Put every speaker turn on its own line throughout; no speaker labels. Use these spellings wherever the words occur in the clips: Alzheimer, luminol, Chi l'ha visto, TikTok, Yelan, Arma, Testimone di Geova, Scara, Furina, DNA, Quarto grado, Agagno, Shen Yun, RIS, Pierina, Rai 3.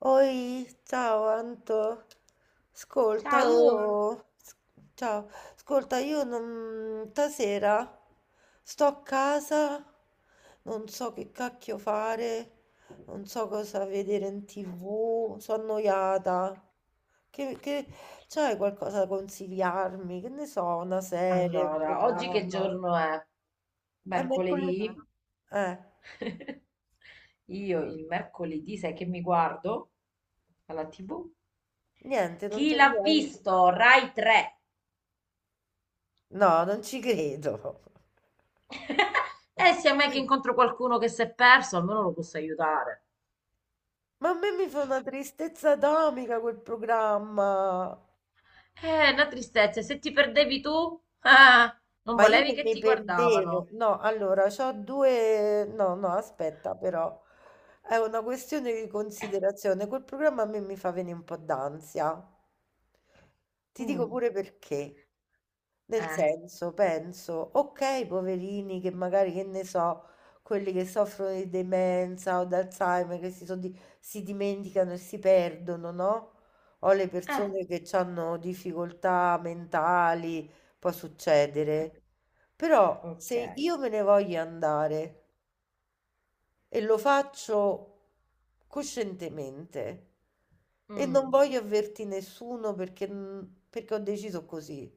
Oi, ciao Anto. Ascolta,
Ciao!
ciao, ascolta, io non... stasera sto a casa, non so che cacchio fare, non so cosa vedere in TV, sono annoiata. Che, che... C'hai qualcosa da consigliarmi? Che ne so, una serie, un
Allora, oggi che
programma?
giorno è?
È mercoledì.
Mercoledì?
Eh,
Io il mercoledì, sai che mi guardo alla TV?
Niente, non
Chi
c'è
l'ha
niente.
visto? Rai 3.
No, non ci credo.
E se mai che incontro qualcuno che si è perso, almeno lo posso aiutare.
Ma a me mi fa una tristezza atomica quel programma.
Una tristezza, se ti perdevi tu, ah, non
Ma io
volevi
non
che
mi
ti
perdevo.
guardavano.
No, allora, no, no, aspetta, però. È una questione di considerazione. Quel programma a me mi fa venire un po' d'ansia. Ti dico
Mm.
pure perché. Nel
Eh,
senso, penso, ok, poverini che magari, che ne so, quelli che soffrono di demenza o d'Alzheimer, che si, si dimenticano e si perdono, no? O le
eh,
persone che hanno difficoltà mentali, può succedere. Però
ok.
se io me ne voglio andare, e lo faccio coscientemente e non
Mm.
voglio avverti nessuno perché ho deciso così.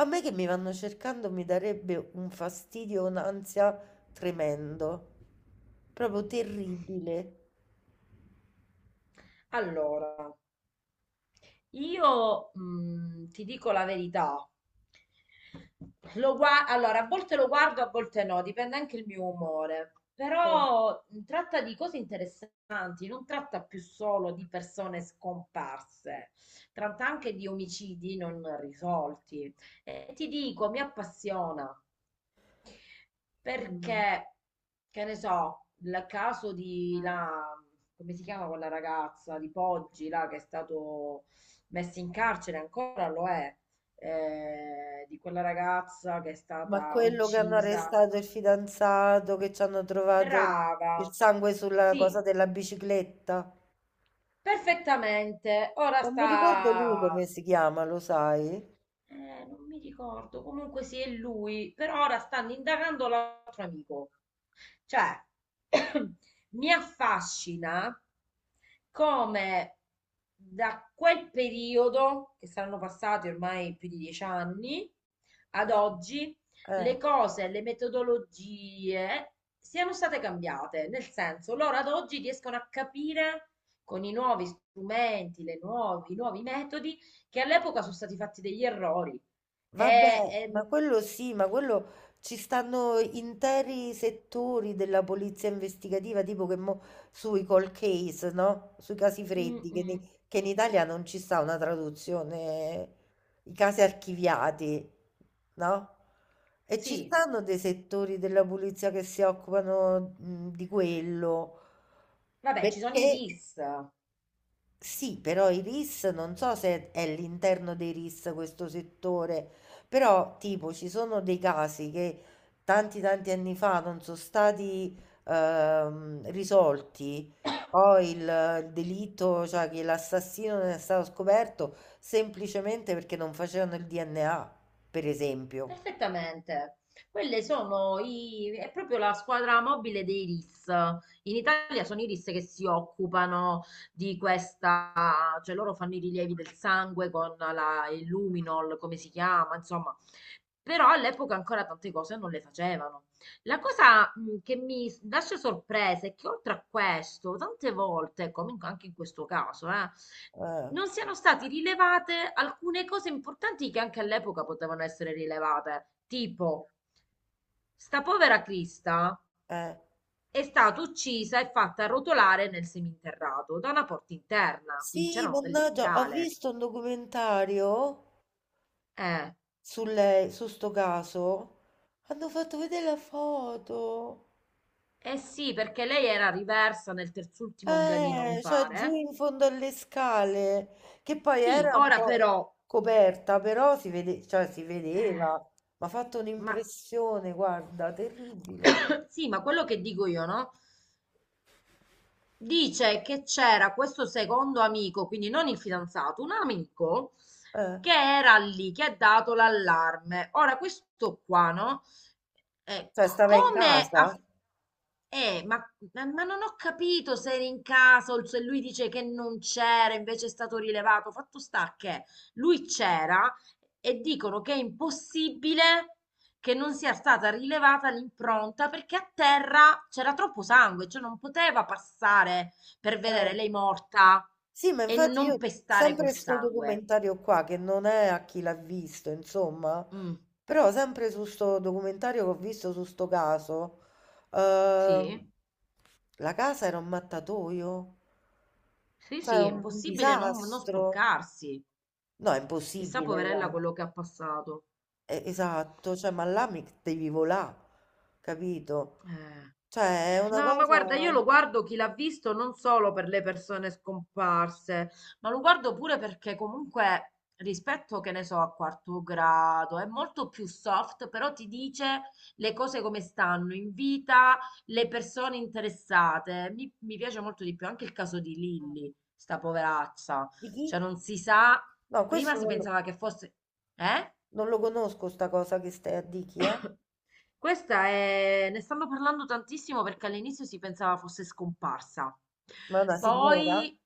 A me che mi vanno cercando mi darebbe un fastidio, un'ansia tremendo, proprio terribile.
Allora, io ti dico la verità. Allora, a volte lo guardo, a volte no, dipende anche il mio umore.
Cioè.
Però tratta di cose interessanti, non tratta più solo di persone scomparse, tratta anche di omicidi non risolti. E ti dico, mi appassiona.
Mm.
Perché, che ne so, il caso di come si chiama quella ragazza di Poggi, là, che è stato messo in carcere, ancora lo è, di quella ragazza che è
Ma
stata
quello che hanno
uccisa.
arrestato il fidanzato, che ci hanno trovato il
Brava,
sangue sulla cosa
sì,
della bicicletta.
perfettamente. Ora
Non mi ricordo lui
sta,
come si chiama, lo sai?
non mi ricordo, comunque sì, è lui, però ora stanno indagando l'altro amico. Cioè, mi affascina come da quel periodo, che saranno passati ormai più di 10 anni, ad oggi, le
Eh,
cose, le metodologie siano state cambiate. Nel senso, loro ad oggi riescono a capire con i nuovi strumenti, le nuovi, i nuovi metodi, che all'epoca sono stati fatti degli errori. E,
Vabbè, ma
e-
quello sì, ma quello ci stanno interi settori della polizia investigativa, tipo che mo, sui cold case, no? Sui casi
mm,
freddi,
mm,
che in Italia non ci sta una traduzione, i casi archiviati, no? E ci
sì,
stanno dei settori della polizia che si occupano, di quello,
vabbè, ci sono
perché
i RIS.
sì, però i RIS non so se è all'interno dei RIS questo settore, però tipo ci sono dei casi che tanti tanti anni fa non sono stati risolti, poi il delitto, cioè che l'assassino non è stato scoperto semplicemente perché non facevano il DNA, per esempio.
Perfettamente. Quelle sono i, è proprio la squadra mobile dei RIS. In Italia sono i RIS che si occupano di questa, cioè loro fanno i rilievi del sangue con la, il luminol, come si chiama, insomma. Però all'epoca ancora tante cose non le facevano. La cosa che mi lascia sorpresa è che oltre a questo, tante volte, anche in questo caso,
Eh,
non siano state rilevate alcune cose importanti che anche all'epoca potevano essere rilevate, tipo sta povera Crista
eh.
è stata uccisa e fatta rotolare nel seminterrato da una porta interna, quindi
Sì,
c'erano delle
mannaggia, ho
scale.
visto un documentario
Eh,
su sto caso. Hanno fatto vedere la foto.
eh sì, perché lei era riversa nel terzultimo gradino, mi
Cioè giù
pare.
in fondo alle scale, che poi
Sì,
era un
ora
po'
però,
coperta, però si vede, cioè, si
eh,
vedeva, mi ha fatto
ma
un'impressione, guarda, terribile.
sì, ma quello che dico io, no? Dice che c'era questo secondo amico, quindi non il fidanzato, un amico
Eh,
che era lì, che ha dato l'allarme. Ora, questo qua, no?
cioè
C-
stava in
come
casa.
ha... ma, ma non ho capito se era in casa o se lui dice che non c'era, invece è stato rilevato. Fatto sta che lui c'era e dicono che è impossibile che non sia stata rilevata l'impronta perché a terra c'era troppo sangue, cioè non poteva passare per
Eh.
vedere lei morta
Sì, ma
e
infatti
non
io
pestare quel
sempre sto
sangue.
documentario qua, che non è a chi l'ha visto, insomma,
Mm.
però sempre su sto documentario che ho visto su sto caso, sì.
Sì,
La casa era un mattatoio,
sì,
cioè
sì,
era
è
un
impossibile non
disastro.
sporcarsi.
No, è
Chissà,
impossibile
poverella,
là.
quello che ha passato.
Esatto, cioè, ma là mi devi volà, capito?
Eh.
Cioè, è una
No, ma
cosa.
guarda, io lo guardo chi l'ha visto non solo per le persone scomparse, ma lo guardo pure perché comunque rispetto, che ne so, a quarto grado è molto più soft, però ti dice le cose come stanno in vita, le persone interessate. Mi piace molto di più anche il caso di Lilly, sta poveraccia.
Di chi?
Cioè non si sa,
No,
prima
questo
si
non lo,
pensava che fosse... Eh?
non lo conosco, sta cosa che stai a di chi, eh?
Questa è... ne stanno parlando tantissimo perché all'inizio si pensava fosse scomparsa.
Ma è una signora?
Poi,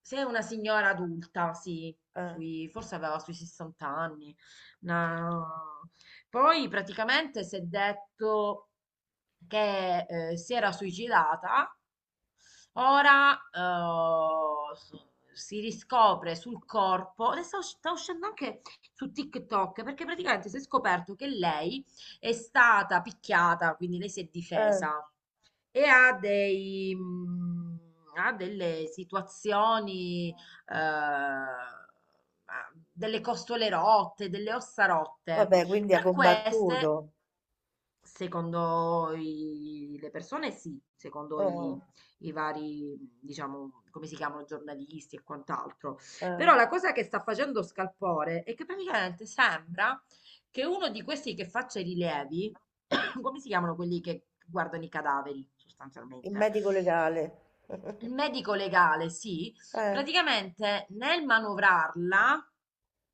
se è una signora adulta, sì,
Eh,
forse aveva sui 60 anni. una- Poi praticamente si è detto che si era suicidata, ora si riscopre sul corpo, adesso sta uscendo anche su TikTok, perché praticamente si è scoperto che lei è stata picchiata, quindi lei si è
eh.
difesa e ha ha delle situazioni, ha delle costole rotte, delle ossa rotte.
Vabbè, quindi ha
Tra queste
combattuto.
secondo le persone sì, secondo i,
Oh,
i vari, diciamo, come si chiamano, giornalisti e quant'altro.
eh.
Però la cosa che sta facendo scalpore è che praticamente sembra che uno di questi che faccia i rilievi, come si chiamano quelli che guardano i cadaveri,
Il
sostanzialmente?
medico legale.
Il medico legale, sì,
Eh.
praticamente nel manovrarla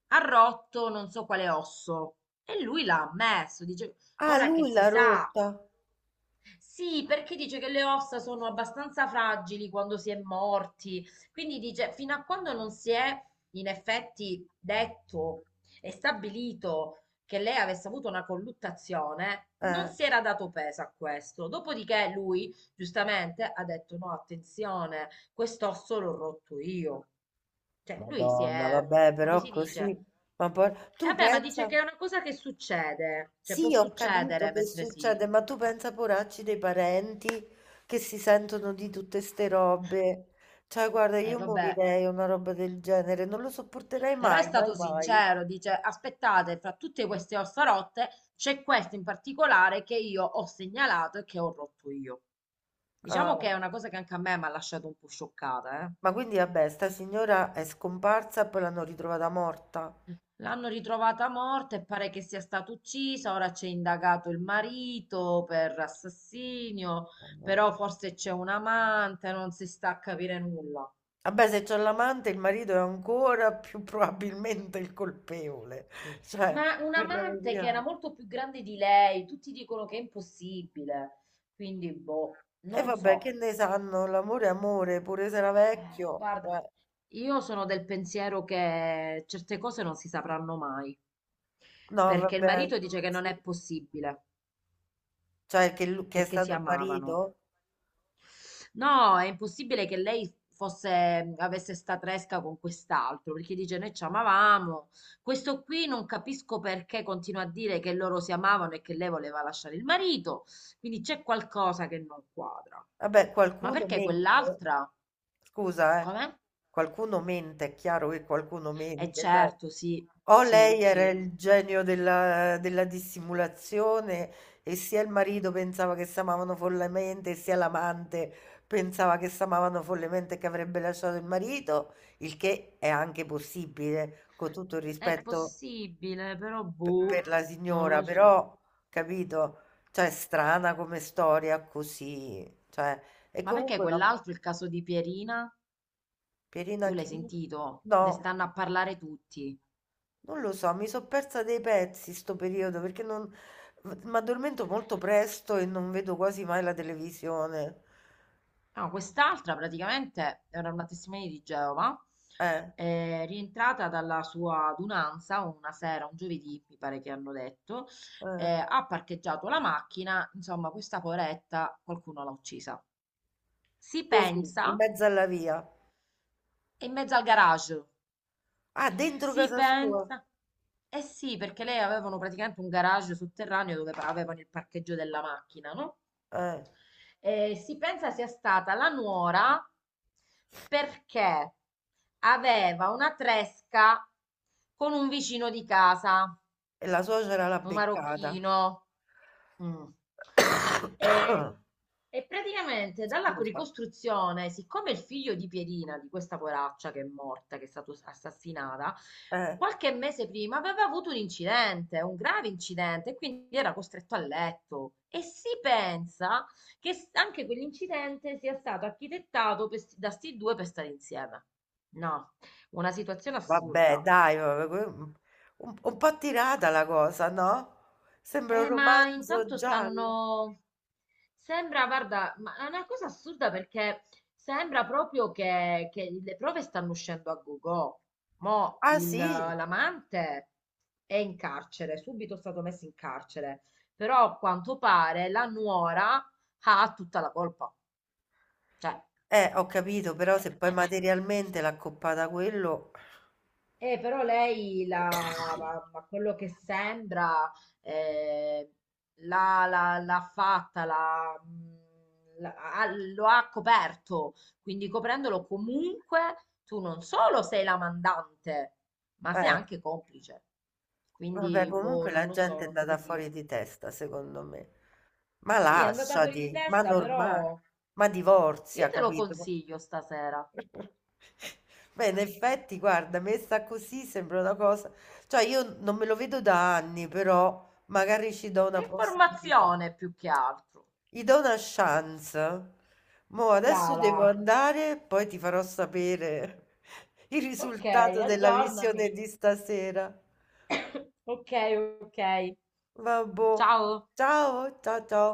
ha rotto non so quale osso e lui l'ha ammesso. Dice,
Ah,
ora che
lui
si
l'ha
sa.
rotta.
Sì, perché dice che le ossa sono abbastanza fragili quando si è morti, quindi dice fino a quando non si è in effetti detto e stabilito che lei avesse avuto una colluttazione, non
Eh.
si era dato peso a questo. Dopodiché lui, giustamente, ha detto no, attenzione, quest'osso l'ho rotto io. Cioè, lui si
Madonna,
è,
vabbè,
come
però
si dice?
così. Ma poi
E
tu
vabbè, ma dice
pensa,
che è una cosa che succede, cioè può
sì, ho capito
succedere
che
mentre si...
succede, ma tu pensa, poracci, dei parenti che si sentono di tutte ste robe. Cioè, guarda, io
Vabbè.
morirei a una roba del genere, non lo sopporterei
Però è
mai, mai,
stato
mai.
sincero, dice: Aspettate, fra tutte queste ossa rotte c'è questo in particolare che io ho segnalato e che ho rotto io. Diciamo
Ah.
che è una cosa che anche a me mi ha lasciato un po' scioccata, eh.
Ma quindi, vabbè, sta signora è scomparsa e poi l'hanno ritrovata morta.
L'hanno ritrovata morta e pare che sia stata uccisa, ora c'è indagato il marito per assassinio, però forse c'è un amante, non si sta a capire nulla.
Vabbè, se c'è l'amante, il marito è ancora più probabilmente il colpevole. Cioè,
Ma un
parliamoci
amante che era
chiaro.
molto più grande di lei, tutti dicono che è impossibile, quindi boh,
E
non
vabbè, che
so.
ne sanno? L'amore è amore, pure se era vecchio.
Guarda,
Cioè,
io sono del pensiero che certe cose non si sapranno mai,
no,
perché il
vabbè.
marito dice che non
Sì.
è possibile,
Cioè, che è
perché si
stato il
amavano.
marito?
No, è impossibile che lei fosse, avesse sta tresca con quest'altro, perché dice noi ci amavamo. Questo qui non capisco perché continua a dire che loro si amavano e che lei voleva lasciare il marito, quindi c'è qualcosa che non quadra.
Vabbè,
Ma
qualcuno
perché
mente.
quell'altra?
Scusa, eh.
Com'è?
Qualcuno mente, è chiaro che qualcuno
Eh
mente, cioè,
certo, sì,
o
sì,
lei era
sì.
il genio della dissimulazione e sia il marito pensava che si amavano follemente, sia l'amante pensava che si amavano follemente e che avrebbe lasciato il marito, il che è anche possibile, con tutto il
È
rispetto
possibile, però
per
boh,
la
non
signora,
lo so.
però, capito? Cioè, strana come storia così. Cioè, e
Ma perché
comunque la
quell'altro, il caso di Pierina, tu
Pierina
l'hai
chi?
sentito? Ne
No,
stanno a parlare tutti.
non lo so, mi sono persa dei pezzi sto periodo perché non. Mi addormento molto presto e non vedo quasi mai la televisione.
No, quest'altra praticamente era una testimone di Geova,
Eh,
rientrata dalla sua adunanza una sera, un giovedì, mi pare che hanno detto,
eh,
ha parcheggiato la macchina, insomma, questa poretta qualcuno l'ha uccisa. Si
così, in
pensa,
mezzo alla via.
è in mezzo al garage.
Ah, dentro
Si
casa sua.
pensa. Eh sì, perché lei avevano praticamente un garage sotterraneo dove avevano il parcheggio della macchina, no?
Eh,
E si pensa sia stata la nuora perché aveva una tresca con un vicino di casa,
e la suocera l'ha
un
beccata.
marocchino. Mm. E, e praticamente dalla
Scusa.
ricostruzione, siccome il figlio di Pierina, di questa poraccia che è morta, che è stata assassinata,
Eh.
qualche mese prima aveva avuto un incidente, un grave incidente, e quindi era costretto a letto. E si pensa che anche quell'incidente sia stato architettato per da sti due per stare insieme. No, una situazione
Vabbè,
assurda.
dai, vabbè, un po' tirata la cosa, no? Sembra un
Ma
romanzo
intanto
giallo.
stanno. Sembra, guarda, ma è una cosa assurda perché sembra proprio che le prove stanno uscendo a go-go. Mo'
Ah, sì?
l'amante è in carcere, subito è stato messo in carcere, però a quanto pare la nuora ha tutta la colpa. Cioè,
Ho capito, però se poi
eh.
materialmente l'ha accoppata a quello.
Però ma quello che sembra, eh, l'ha l'ha- l'ha fatta, l'ha, l'ha- ha- lo ha coperto, quindi coprendolo comunque tu non solo sei la mandante, ma sei
Eh.
anche complice.
Vabbè,
Quindi,
comunque
boh, non
la
lo so,
gente è
non so
andata
che
fuori
dirti.
di testa, secondo me. Ma
Sì, è andata fuori di
lasciati, ma
testa,
normale,
però
ma divorzia,
io te lo
capito?
consiglio stasera.
Beh, in effetti, guarda, messa così sembra una cosa. Cioè, io non me lo vedo da anni, però magari ci do
È
una possibilità.
informazione più che altro.
Gli do una chance. Mo' adesso devo
Brava.
andare, poi ti farò sapere il
Ok,
risultato della visione
aggiornami.
di stasera.
Ok, ok.
Vabbò.
Ciao.
Ciao, ciao ciao.